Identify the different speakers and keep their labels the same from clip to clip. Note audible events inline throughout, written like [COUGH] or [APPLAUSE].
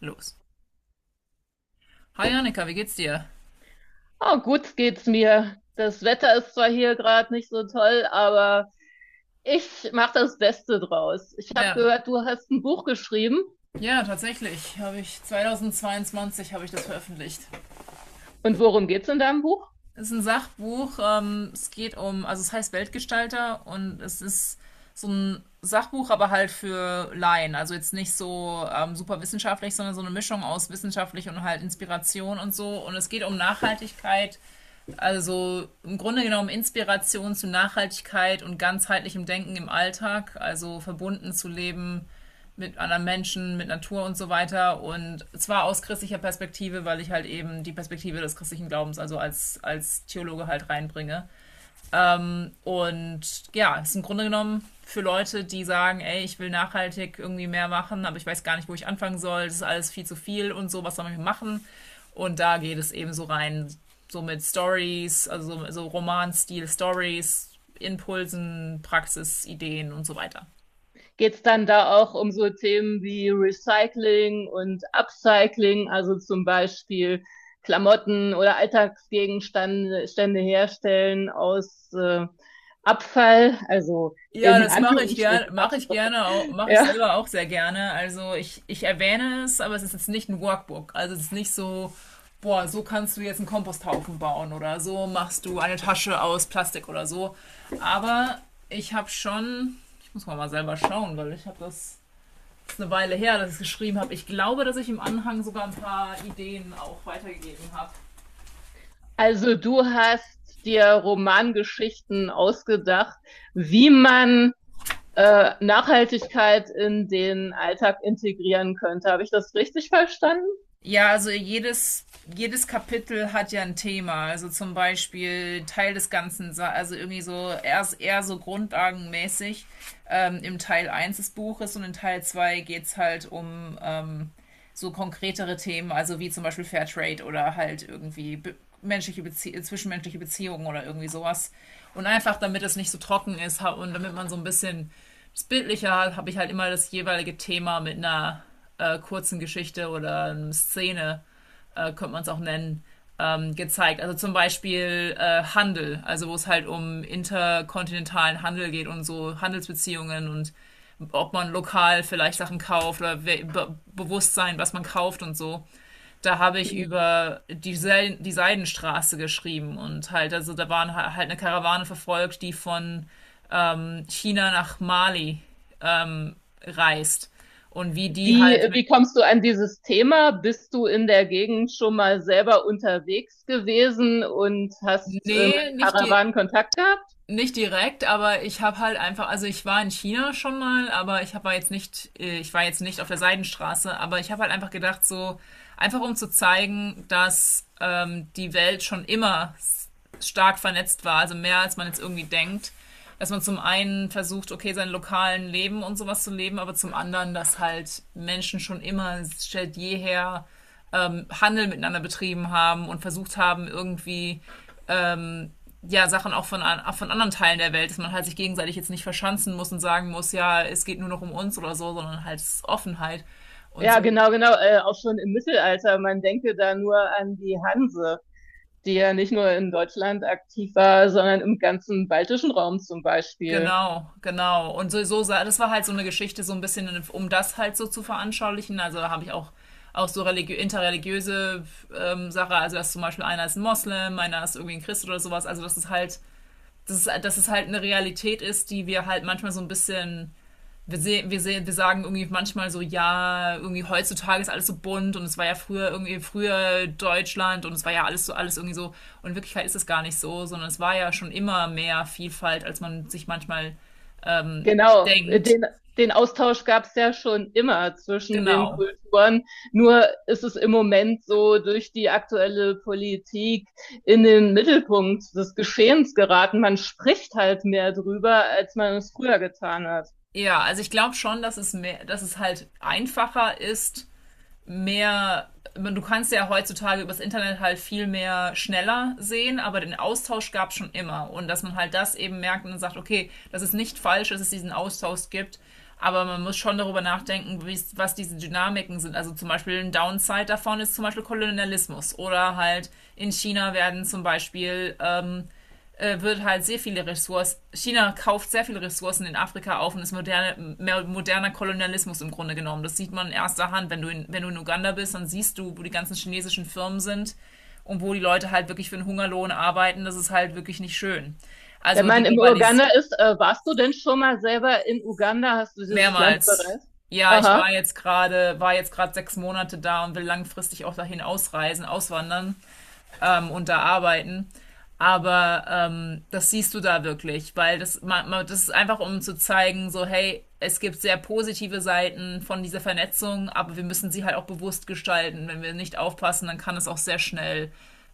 Speaker 1: Los. Hi Annika, wie geht's dir?
Speaker 2: Ah, gut geht's mir. Das Wetter ist zwar hier gerade nicht so toll, aber ich mache das Beste draus. Ich habe
Speaker 1: Ja,
Speaker 2: gehört, du hast ein Buch geschrieben.
Speaker 1: ja, tatsächlich habe ich 2022 habe ich das veröffentlicht.
Speaker 2: Und worum geht's in deinem Buch?
Speaker 1: Es ist ein Sachbuch. Es geht um, also es heißt Weltgestalter und es ist so ein Sachbuch, aber halt für Laien. Also jetzt nicht so super wissenschaftlich, sondern so eine Mischung aus wissenschaftlich und halt Inspiration und so. Und es geht um Nachhaltigkeit, also im Grunde genommen Inspiration zu Nachhaltigkeit und ganzheitlichem Denken im Alltag, also verbunden zu leben mit anderen Menschen, mit Natur und so weiter. Und zwar aus christlicher Perspektive, weil ich halt eben die Perspektive des christlichen Glaubens, also als Theologe halt reinbringe. Und ja, ist im Grunde genommen für Leute, die sagen, ey, ich will nachhaltig irgendwie mehr machen, aber ich weiß gar nicht, wo ich anfangen soll, das ist alles viel zu viel und so, was soll man machen? Und da geht es eben so rein, so mit Stories, also so Roman-Stil-Stories, Impulsen, Praxis, Ideen und so weiter.
Speaker 2: Geht's dann da auch um so Themen wie Recycling und Upcycling, also zum Beispiel Klamotten oder Alltagsgegenstände Stände herstellen aus Abfall, also
Speaker 1: Ja,
Speaker 2: in
Speaker 1: das mache ich gerne,
Speaker 2: Anführungsstrichen
Speaker 1: mache ich
Speaker 2: Abfall.
Speaker 1: gerne, mache ich
Speaker 2: Ja.
Speaker 1: selber auch sehr gerne. Also ich erwähne es, aber es ist jetzt nicht ein Workbook. Also es ist nicht so, boah, so kannst du jetzt einen Komposthaufen bauen oder so machst du eine Tasche aus Plastik oder so. Aber ich habe schon, ich muss mal selber schauen, weil ich habe das, das ist eine Weile her, dass ich es geschrieben habe. Ich glaube, dass ich im Anhang sogar ein paar Ideen auch weitergegeben habe.
Speaker 2: Also du hast dir Romangeschichten ausgedacht, wie man Nachhaltigkeit in den Alltag integrieren könnte. Habe ich das richtig verstanden?
Speaker 1: Ja, also jedes Kapitel hat ja ein Thema. Also zum Beispiel Teil des Ganzen, also irgendwie so erst eher so grundlagenmäßig im Teil eins des Buches und in Teil 2 geht's halt um so konkretere Themen, also wie zum Beispiel Fairtrade oder halt irgendwie be menschliche Bezie zwischenmenschliche Beziehungen oder irgendwie sowas. Und einfach, damit es nicht so trocken ist und damit man so ein bisschen bildlicher habe ich halt immer das jeweilige Thema mit einer kurzen Geschichte oder einer Szene, könnte man es auch nennen, gezeigt. Also zum Beispiel Handel, also wo es halt um interkontinentalen Handel geht und so Handelsbeziehungen und ob man lokal vielleicht Sachen kauft oder we- be Bewusstsein, was man kauft und so. Da habe ich
Speaker 2: Mhm.
Speaker 1: über die Seidenstraße geschrieben und halt, also da waren halt eine Karawane verfolgt, die von China nach Mali ähm, reist. Und wie die
Speaker 2: Wie,
Speaker 1: halt mit.
Speaker 2: wie kommst du an dieses Thema? Bist du in der Gegend schon mal selber unterwegs gewesen und hast
Speaker 1: Nee,
Speaker 2: mit
Speaker 1: nicht die.
Speaker 2: Karawanen Kontakt gehabt?
Speaker 1: Nicht direkt, aber ich habe halt einfach, also ich war in China schon mal, aber ich war jetzt nicht, ich war jetzt nicht auf der Seidenstraße, aber ich habe halt einfach gedacht, so einfach um zu zeigen, dass die Welt schon immer stark vernetzt war, also mehr als man jetzt irgendwie denkt, dass man zum einen versucht, okay, sein lokalen Leben und sowas zu leben, aber zum anderen, dass halt Menschen schon immer seit jeher Handel miteinander betrieben haben und versucht haben, irgendwie ja, Sachen auch von anderen Teilen der Welt, dass man halt sich gegenseitig jetzt nicht verschanzen muss und sagen muss, ja, es geht nur noch um uns oder so, sondern halt es ist Offenheit und
Speaker 2: Ja,
Speaker 1: so.
Speaker 2: genau, genau, auch schon im Mittelalter. Man denke da nur an die Hanse, die ja nicht nur in Deutschland aktiv war, sondern im ganzen baltischen Raum zum Beispiel.
Speaker 1: Genau, genau. Und so, das war halt so eine Geschichte, so ein bisschen, um das halt so zu veranschaulichen. Also da habe ich auch so religi interreligiöse Sache, also dass zum Beispiel einer ist ein Moslem, einer ist irgendwie ein Christ oder sowas. Also dass es halt eine Realität ist, die wir halt manchmal so ein bisschen wir sagen irgendwie manchmal so, ja, irgendwie heutzutage ist alles so bunt und es war ja früher irgendwie früher Deutschland und es war ja alles so, alles irgendwie so. Und in Wirklichkeit ist es gar nicht so, sondern es war ja schon immer mehr Vielfalt, als man sich manchmal ähm,
Speaker 2: Genau,
Speaker 1: denkt.
Speaker 2: den, den Austausch gab es ja schon immer zwischen den
Speaker 1: Genau.
Speaker 2: Kulturen. Nur ist es im Moment so durch die aktuelle Politik in den Mittelpunkt des Geschehens geraten. Man spricht halt mehr drüber, als man es früher getan hat.
Speaker 1: Ja, also ich glaube schon, dass es halt einfacher ist, mehr, du kannst ja heutzutage übers Internet halt viel mehr schneller sehen, aber den Austausch gab es schon immer. Und dass man halt das eben merkt und sagt, okay, das ist nicht falsch, dass es diesen Austausch gibt, aber man muss schon darüber nachdenken, was diese Dynamiken sind. Also zum Beispiel ein Downside davon ist zum Beispiel Kolonialismus. Oder halt in China werden zum Beispiel wird halt sehr viele Ressourcen, China kauft sehr viele Ressourcen in Afrika auf und ist moderne, mehr moderner Kolonialismus im Grunde genommen. Das sieht man in erster Hand. Wenn du in Uganda bist, dann siehst du, wo die ganzen chinesischen Firmen sind und wo die Leute halt wirklich für einen Hungerlohn arbeiten. Das ist halt wirklich nicht schön.
Speaker 2: Wenn
Speaker 1: Also die
Speaker 2: man in
Speaker 1: Globalis
Speaker 2: Uganda ist, warst du denn schon mal selber in Uganda? Hast du dieses Land
Speaker 1: mehrmals.
Speaker 2: bereist?
Speaker 1: Ja, ich war
Speaker 2: Aha.
Speaker 1: jetzt gerade, war jetzt gerade 6 Monate da und will langfristig auch dahin ausreisen, auswandern. Und da arbeiten. Aber das siehst du da wirklich, weil das, man, das ist einfach, um zu zeigen, so hey, es gibt sehr positive Seiten von dieser Vernetzung, aber wir müssen sie halt auch bewusst gestalten. Wenn wir nicht aufpassen, dann kann es auch sehr schnell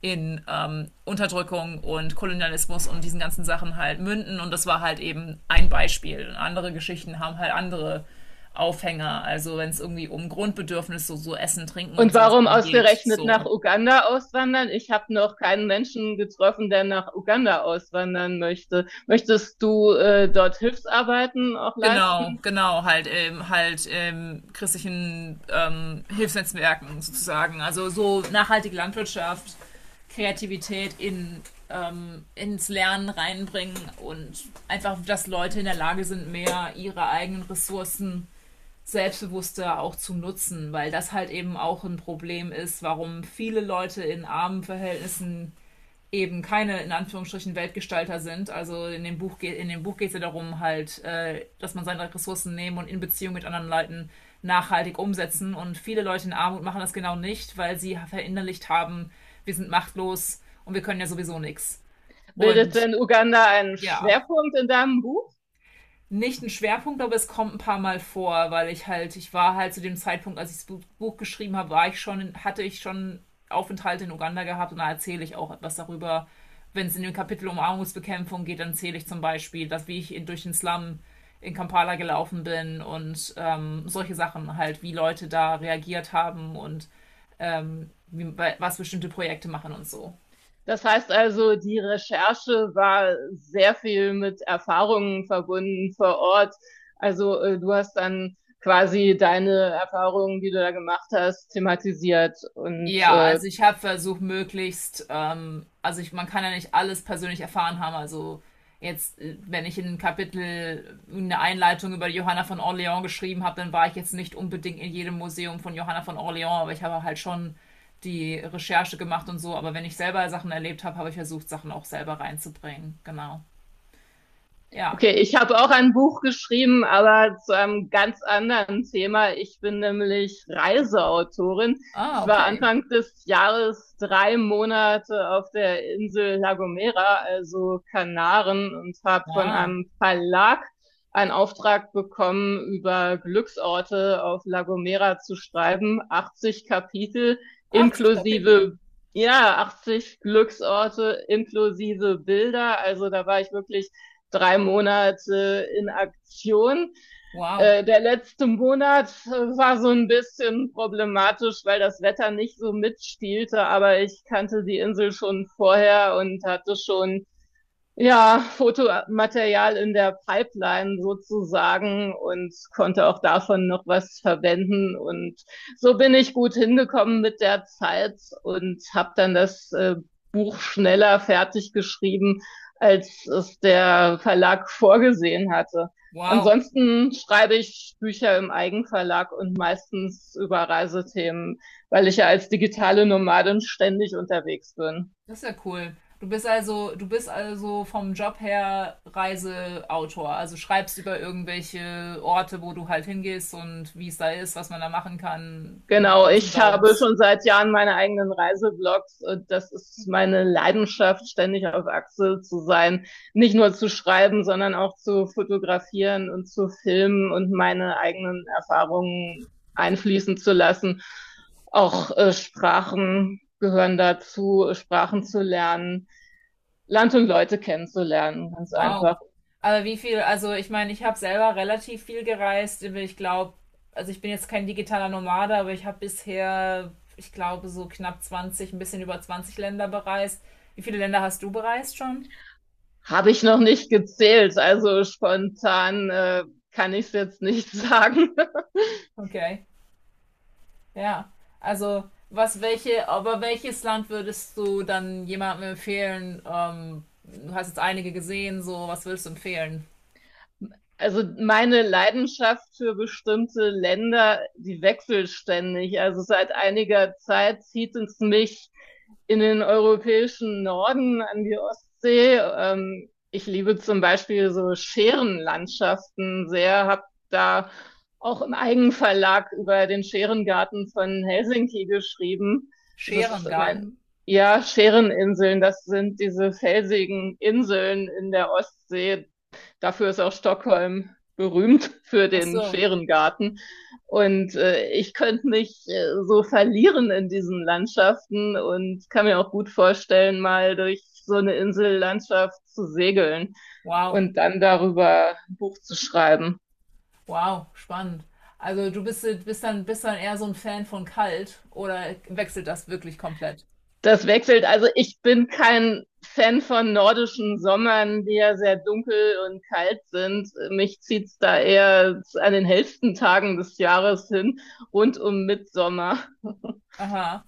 Speaker 1: in Unterdrückung und Kolonialismus und diesen ganzen Sachen halt münden. Und das war halt eben ein Beispiel. Und andere Geschichten haben halt andere Aufhänger. Also wenn es irgendwie um Grundbedürfnisse, so, so Essen, Trinken und
Speaker 2: Und
Speaker 1: sowas
Speaker 2: warum
Speaker 1: dann geht,
Speaker 2: ausgerechnet nach
Speaker 1: so.
Speaker 2: Uganda auswandern? Ich habe noch keinen Menschen getroffen, der nach Uganda auswandern möchte. Möchtest du dort Hilfsarbeiten auch
Speaker 1: Genau,
Speaker 2: leisten?
Speaker 1: genau, halt christlichen Hilfsnetzwerken sozusagen. Also so nachhaltige Landwirtschaft, Kreativität ins Lernen reinbringen und einfach, dass Leute in der Lage sind, mehr ihre eigenen Ressourcen selbstbewusster auch zu nutzen, weil das halt eben auch ein Problem ist, warum viele Leute in armen Verhältnissen eben keine in Anführungsstrichen Weltgestalter sind. Also in dem Buch geht es ja darum halt, dass man seine Ressourcen nehmen und in Beziehung mit anderen Leuten nachhaltig umsetzen. Und viele Leute in Armut machen das genau nicht, weil sie verinnerlicht haben, wir sind machtlos und wir können ja sowieso nichts.
Speaker 2: Bildet
Speaker 1: Und
Speaker 2: denn Uganda einen
Speaker 1: ja,
Speaker 2: Schwerpunkt in deinem Buch?
Speaker 1: nicht ein Schwerpunkt, aber es kommt ein paar Mal vor, weil ich halt, ich war halt zu dem Zeitpunkt, als ich das Buch geschrieben habe, war ich schon, hatte ich schon Aufenthalte in Uganda gehabt und da erzähle ich auch etwas darüber. Wenn es in dem Kapitel um Armutsbekämpfung geht, dann erzähle ich zum Beispiel, dass wie ich durch den Slum in Kampala gelaufen bin und solche Sachen halt, wie Leute da reagiert haben und ähm, wie, was bestimmte Projekte machen und so.
Speaker 2: Das heißt also, die Recherche war sehr viel mit Erfahrungen verbunden vor Ort. Also du hast dann quasi deine Erfahrungen, die du da gemacht hast, thematisiert und
Speaker 1: Ja, also ich habe versucht, möglichst, man kann ja nicht alles persönlich erfahren haben. Also jetzt, wenn ich in ein Kapitel eine Einleitung über Johanna von Orleans geschrieben habe, dann war ich jetzt nicht unbedingt in jedem Museum von Johanna von Orleans, aber ich habe halt schon die Recherche gemacht und so. Aber wenn ich selber Sachen erlebt habe, habe ich versucht, Sachen auch selber reinzubringen. Genau. Ja.
Speaker 2: Okay, ich habe auch ein Buch geschrieben, aber zu einem ganz anderen Thema. Ich bin nämlich Reiseautorin.
Speaker 1: Ah,
Speaker 2: Ich war
Speaker 1: okay.
Speaker 2: Anfang des Jahres drei Monate auf der Insel La Gomera, also Kanaren, und habe von
Speaker 1: Ah,
Speaker 2: einem Verlag einen Auftrag bekommen, über Glücksorte auf La Gomera zu schreiben. 80 Kapitel
Speaker 1: 80 Kapitel.
Speaker 2: inklusive, ja, 80 Glücksorte inklusive Bilder. Also da war ich wirklich drei Monate in Aktion.
Speaker 1: Wow.
Speaker 2: Der letzte Monat war so ein bisschen problematisch, weil das Wetter nicht so mitspielte, aber ich kannte die Insel schon vorher und hatte schon, ja, Fotomaterial in der Pipeline sozusagen und konnte auch davon noch was verwenden. Und so bin ich gut hingekommen mit der Zeit und habe dann das Buch schneller fertig geschrieben, als es der Verlag vorgesehen hatte.
Speaker 1: Wow.
Speaker 2: Ansonsten schreibe ich Bücher im Eigenverlag und meistens über Reisethemen, weil ich ja als digitale Nomadin ständig unterwegs bin.
Speaker 1: Das ist ja cool. Du bist also vom Job her Reiseautor. Also schreibst über irgendwelche Orte, wo du halt hingehst und wie es da ist, was man da machen kann.
Speaker 2: Genau,
Speaker 1: Do's und
Speaker 2: ich habe
Speaker 1: Downs.
Speaker 2: schon seit Jahren meine eigenen Reiseblogs und das ist meine Leidenschaft, ständig auf Achse zu sein, nicht nur zu schreiben, sondern auch zu fotografieren und zu filmen und meine eigenen Erfahrungen einfließen zu lassen. Auch Sprachen gehören dazu, Sprachen zu lernen, Land und Leute kennenzulernen, ganz
Speaker 1: Wow.
Speaker 2: einfach.
Speaker 1: Aber wie viel, also ich meine, ich habe selber relativ viel gereist. Ich glaube, also ich bin jetzt kein digitaler Nomade, aber ich habe bisher, ich glaube, so knapp 20, ein bisschen über 20 Länder bereist. Wie viele Länder hast du bereist schon?
Speaker 2: Habe ich noch nicht gezählt, also spontan kann ich es jetzt nicht [LAUGHS] sagen.
Speaker 1: Okay. Ja, also aber welches Land würdest du dann jemandem empfehlen? Du hast jetzt einige gesehen, so was würdest du empfehlen?
Speaker 2: Also meine Leidenschaft für bestimmte Länder, die wechselt ständig. Also seit einiger Zeit zieht es mich in den europäischen Norden an die Ostsee. Ich liebe zum Beispiel so Scherenlandschaften sehr, habe da auch im Eigenverlag über den Scherengarten von Helsinki geschrieben. Das ist mein,
Speaker 1: Scherengarten.
Speaker 2: ja, Schereninseln, das sind diese felsigen Inseln in der Ostsee. Dafür ist auch Stockholm berühmt für
Speaker 1: Ach
Speaker 2: den
Speaker 1: so,
Speaker 2: Scherengarten. Und ich könnte mich so verlieren in diesen Landschaften und kann mir auch gut vorstellen, mal durch so eine Insellandschaft zu segeln
Speaker 1: wow,
Speaker 2: und dann darüber ein Buch zu schreiben.
Speaker 1: wow, spannend. Also du bist dann eher so ein Fan von kalt oder wechselt das wirklich komplett?
Speaker 2: Das wechselt. Also ich bin kein Fan von nordischen Sommern, die ja sehr dunkel und kalt sind. Mich zieht's da eher an den hellsten Tagen des Jahres hin, rund um Mitsommer.
Speaker 1: Aha.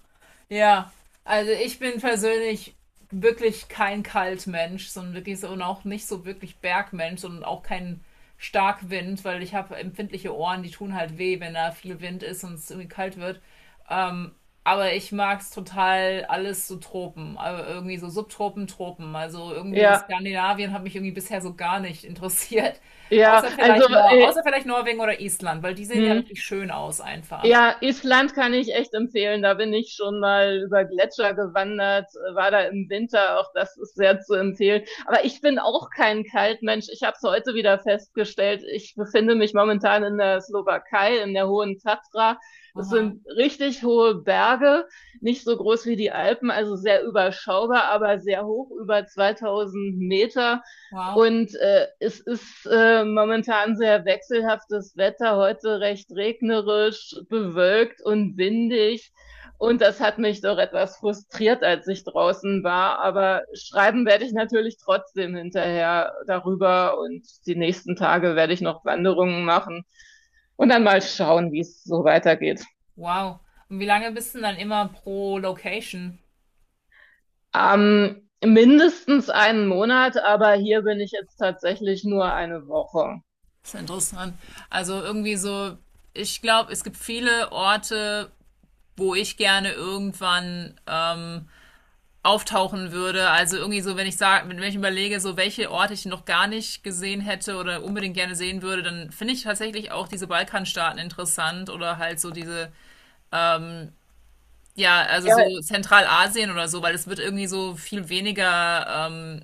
Speaker 1: Ja, also ich bin persönlich wirklich kein Kaltmensch, sondern wirklich so und auch nicht so wirklich Bergmensch und auch kein Starkwind, weil ich habe empfindliche Ohren, die tun halt weh, wenn da viel Wind ist und es irgendwie kalt wird. Ähm, aber ich mag es total alles so Tropen, also irgendwie so Subtropen, Tropen. Also irgendwie so
Speaker 2: Ja,
Speaker 1: Skandinavien hat mich irgendwie bisher so gar nicht interessiert. [LAUGHS]
Speaker 2: ja,
Speaker 1: Außer
Speaker 2: also,
Speaker 1: vielleicht Nor außer vielleicht Norwegen oder Island, weil die sehen ja
Speaker 2: hm,
Speaker 1: richtig schön aus einfach.
Speaker 2: ja, Island kann ich echt empfehlen. Da bin ich schon mal über Gletscher gewandert, war da im Winter, auch das ist sehr zu empfehlen. Aber ich bin auch kein Kaltmensch. Ich habe es heute wieder festgestellt. Ich befinde mich momentan in der Slowakei, in der Hohen Tatra. Das
Speaker 1: Aha.
Speaker 2: sind richtig hohe Berge, nicht so groß wie die Alpen, also sehr überschaubar, aber sehr hoch, über 2000 Meter.
Speaker 1: Wow.
Speaker 2: Und es ist momentan sehr wechselhaftes Wetter, heute recht regnerisch, bewölkt und windig. Und das hat mich doch etwas frustriert, als ich draußen war. Aber schreiben werde ich natürlich trotzdem hinterher darüber. Und die nächsten Tage werde ich noch Wanderungen machen und dann mal schauen, wie es so weitergeht.
Speaker 1: Wow. Und wie lange bist du denn dann immer pro Location?
Speaker 2: Mindestens einen Monat, aber hier bin ich jetzt tatsächlich nur eine Woche.
Speaker 1: Das ist interessant. Also irgendwie so, ich glaube, es gibt viele Orte, wo ich gerne irgendwann auftauchen würde. Also irgendwie so, wenn ich sage, wenn ich überlege, so welche Orte ich noch gar nicht gesehen hätte oder unbedingt gerne sehen würde, dann finde ich tatsächlich auch diese Balkanstaaten interessant oder halt so diese, ja, also
Speaker 2: Ja,
Speaker 1: so Zentralasien oder so, weil es wird irgendwie so viel weniger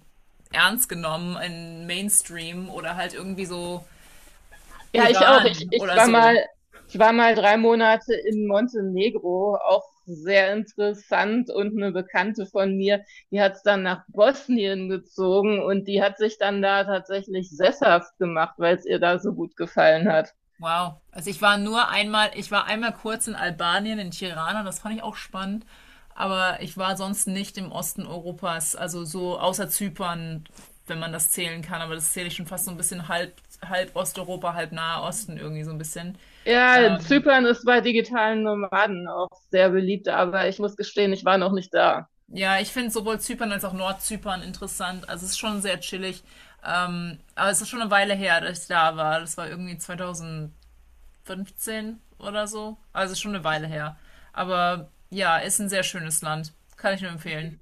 Speaker 1: ernst genommen im Mainstream oder halt irgendwie so
Speaker 2: ja, ich auch.
Speaker 1: Iran oder so.
Speaker 2: Ich war mal drei Monate in Montenegro, auch sehr interessant. Und eine Bekannte von mir, die hat es dann nach Bosnien gezogen und die hat sich dann da tatsächlich sesshaft gemacht, weil es ihr da so gut gefallen hat.
Speaker 1: Wow. Also ich war einmal kurz in Albanien, in Tirana, das fand ich auch spannend. Aber ich war sonst nicht im Osten Europas, also so außer Zypern, wenn man das zählen kann. Aber das zähle ich schon fast so ein bisschen halb, halb Osteuropa, halb Nahe Osten irgendwie so ein bisschen.
Speaker 2: Ja,
Speaker 1: Ähm,
Speaker 2: Zypern ist bei digitalen Nomaden auch sehr beliebt, aber ich muss gestehen, ich war noch nicht da.
Speaker 1: ja, ich finde sowohl Zypern als auch Nordzypern interessant. Also es ist schon sehr chillig. Aber es ist schon eine Weile her, dass ich da war. Das war irgendwie 2000 fünfzehn oder so. Also schon eine Weile her. Aber ja, ist ein sehr schönes Land. Kann ich nur empfehlen.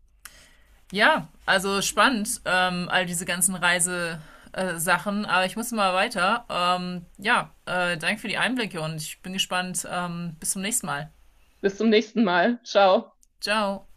Speaker 1: Ja, also spannend, all diese ganzen Reise. Sachen, aber ich muss mal weiter. Ja, danke für die Einblicke und ich bin gespannt. Bis zum nächsten Mal.
Speaker 2: Bis zum nächsten Mal. Ciao.
Speaker 1: Ciao.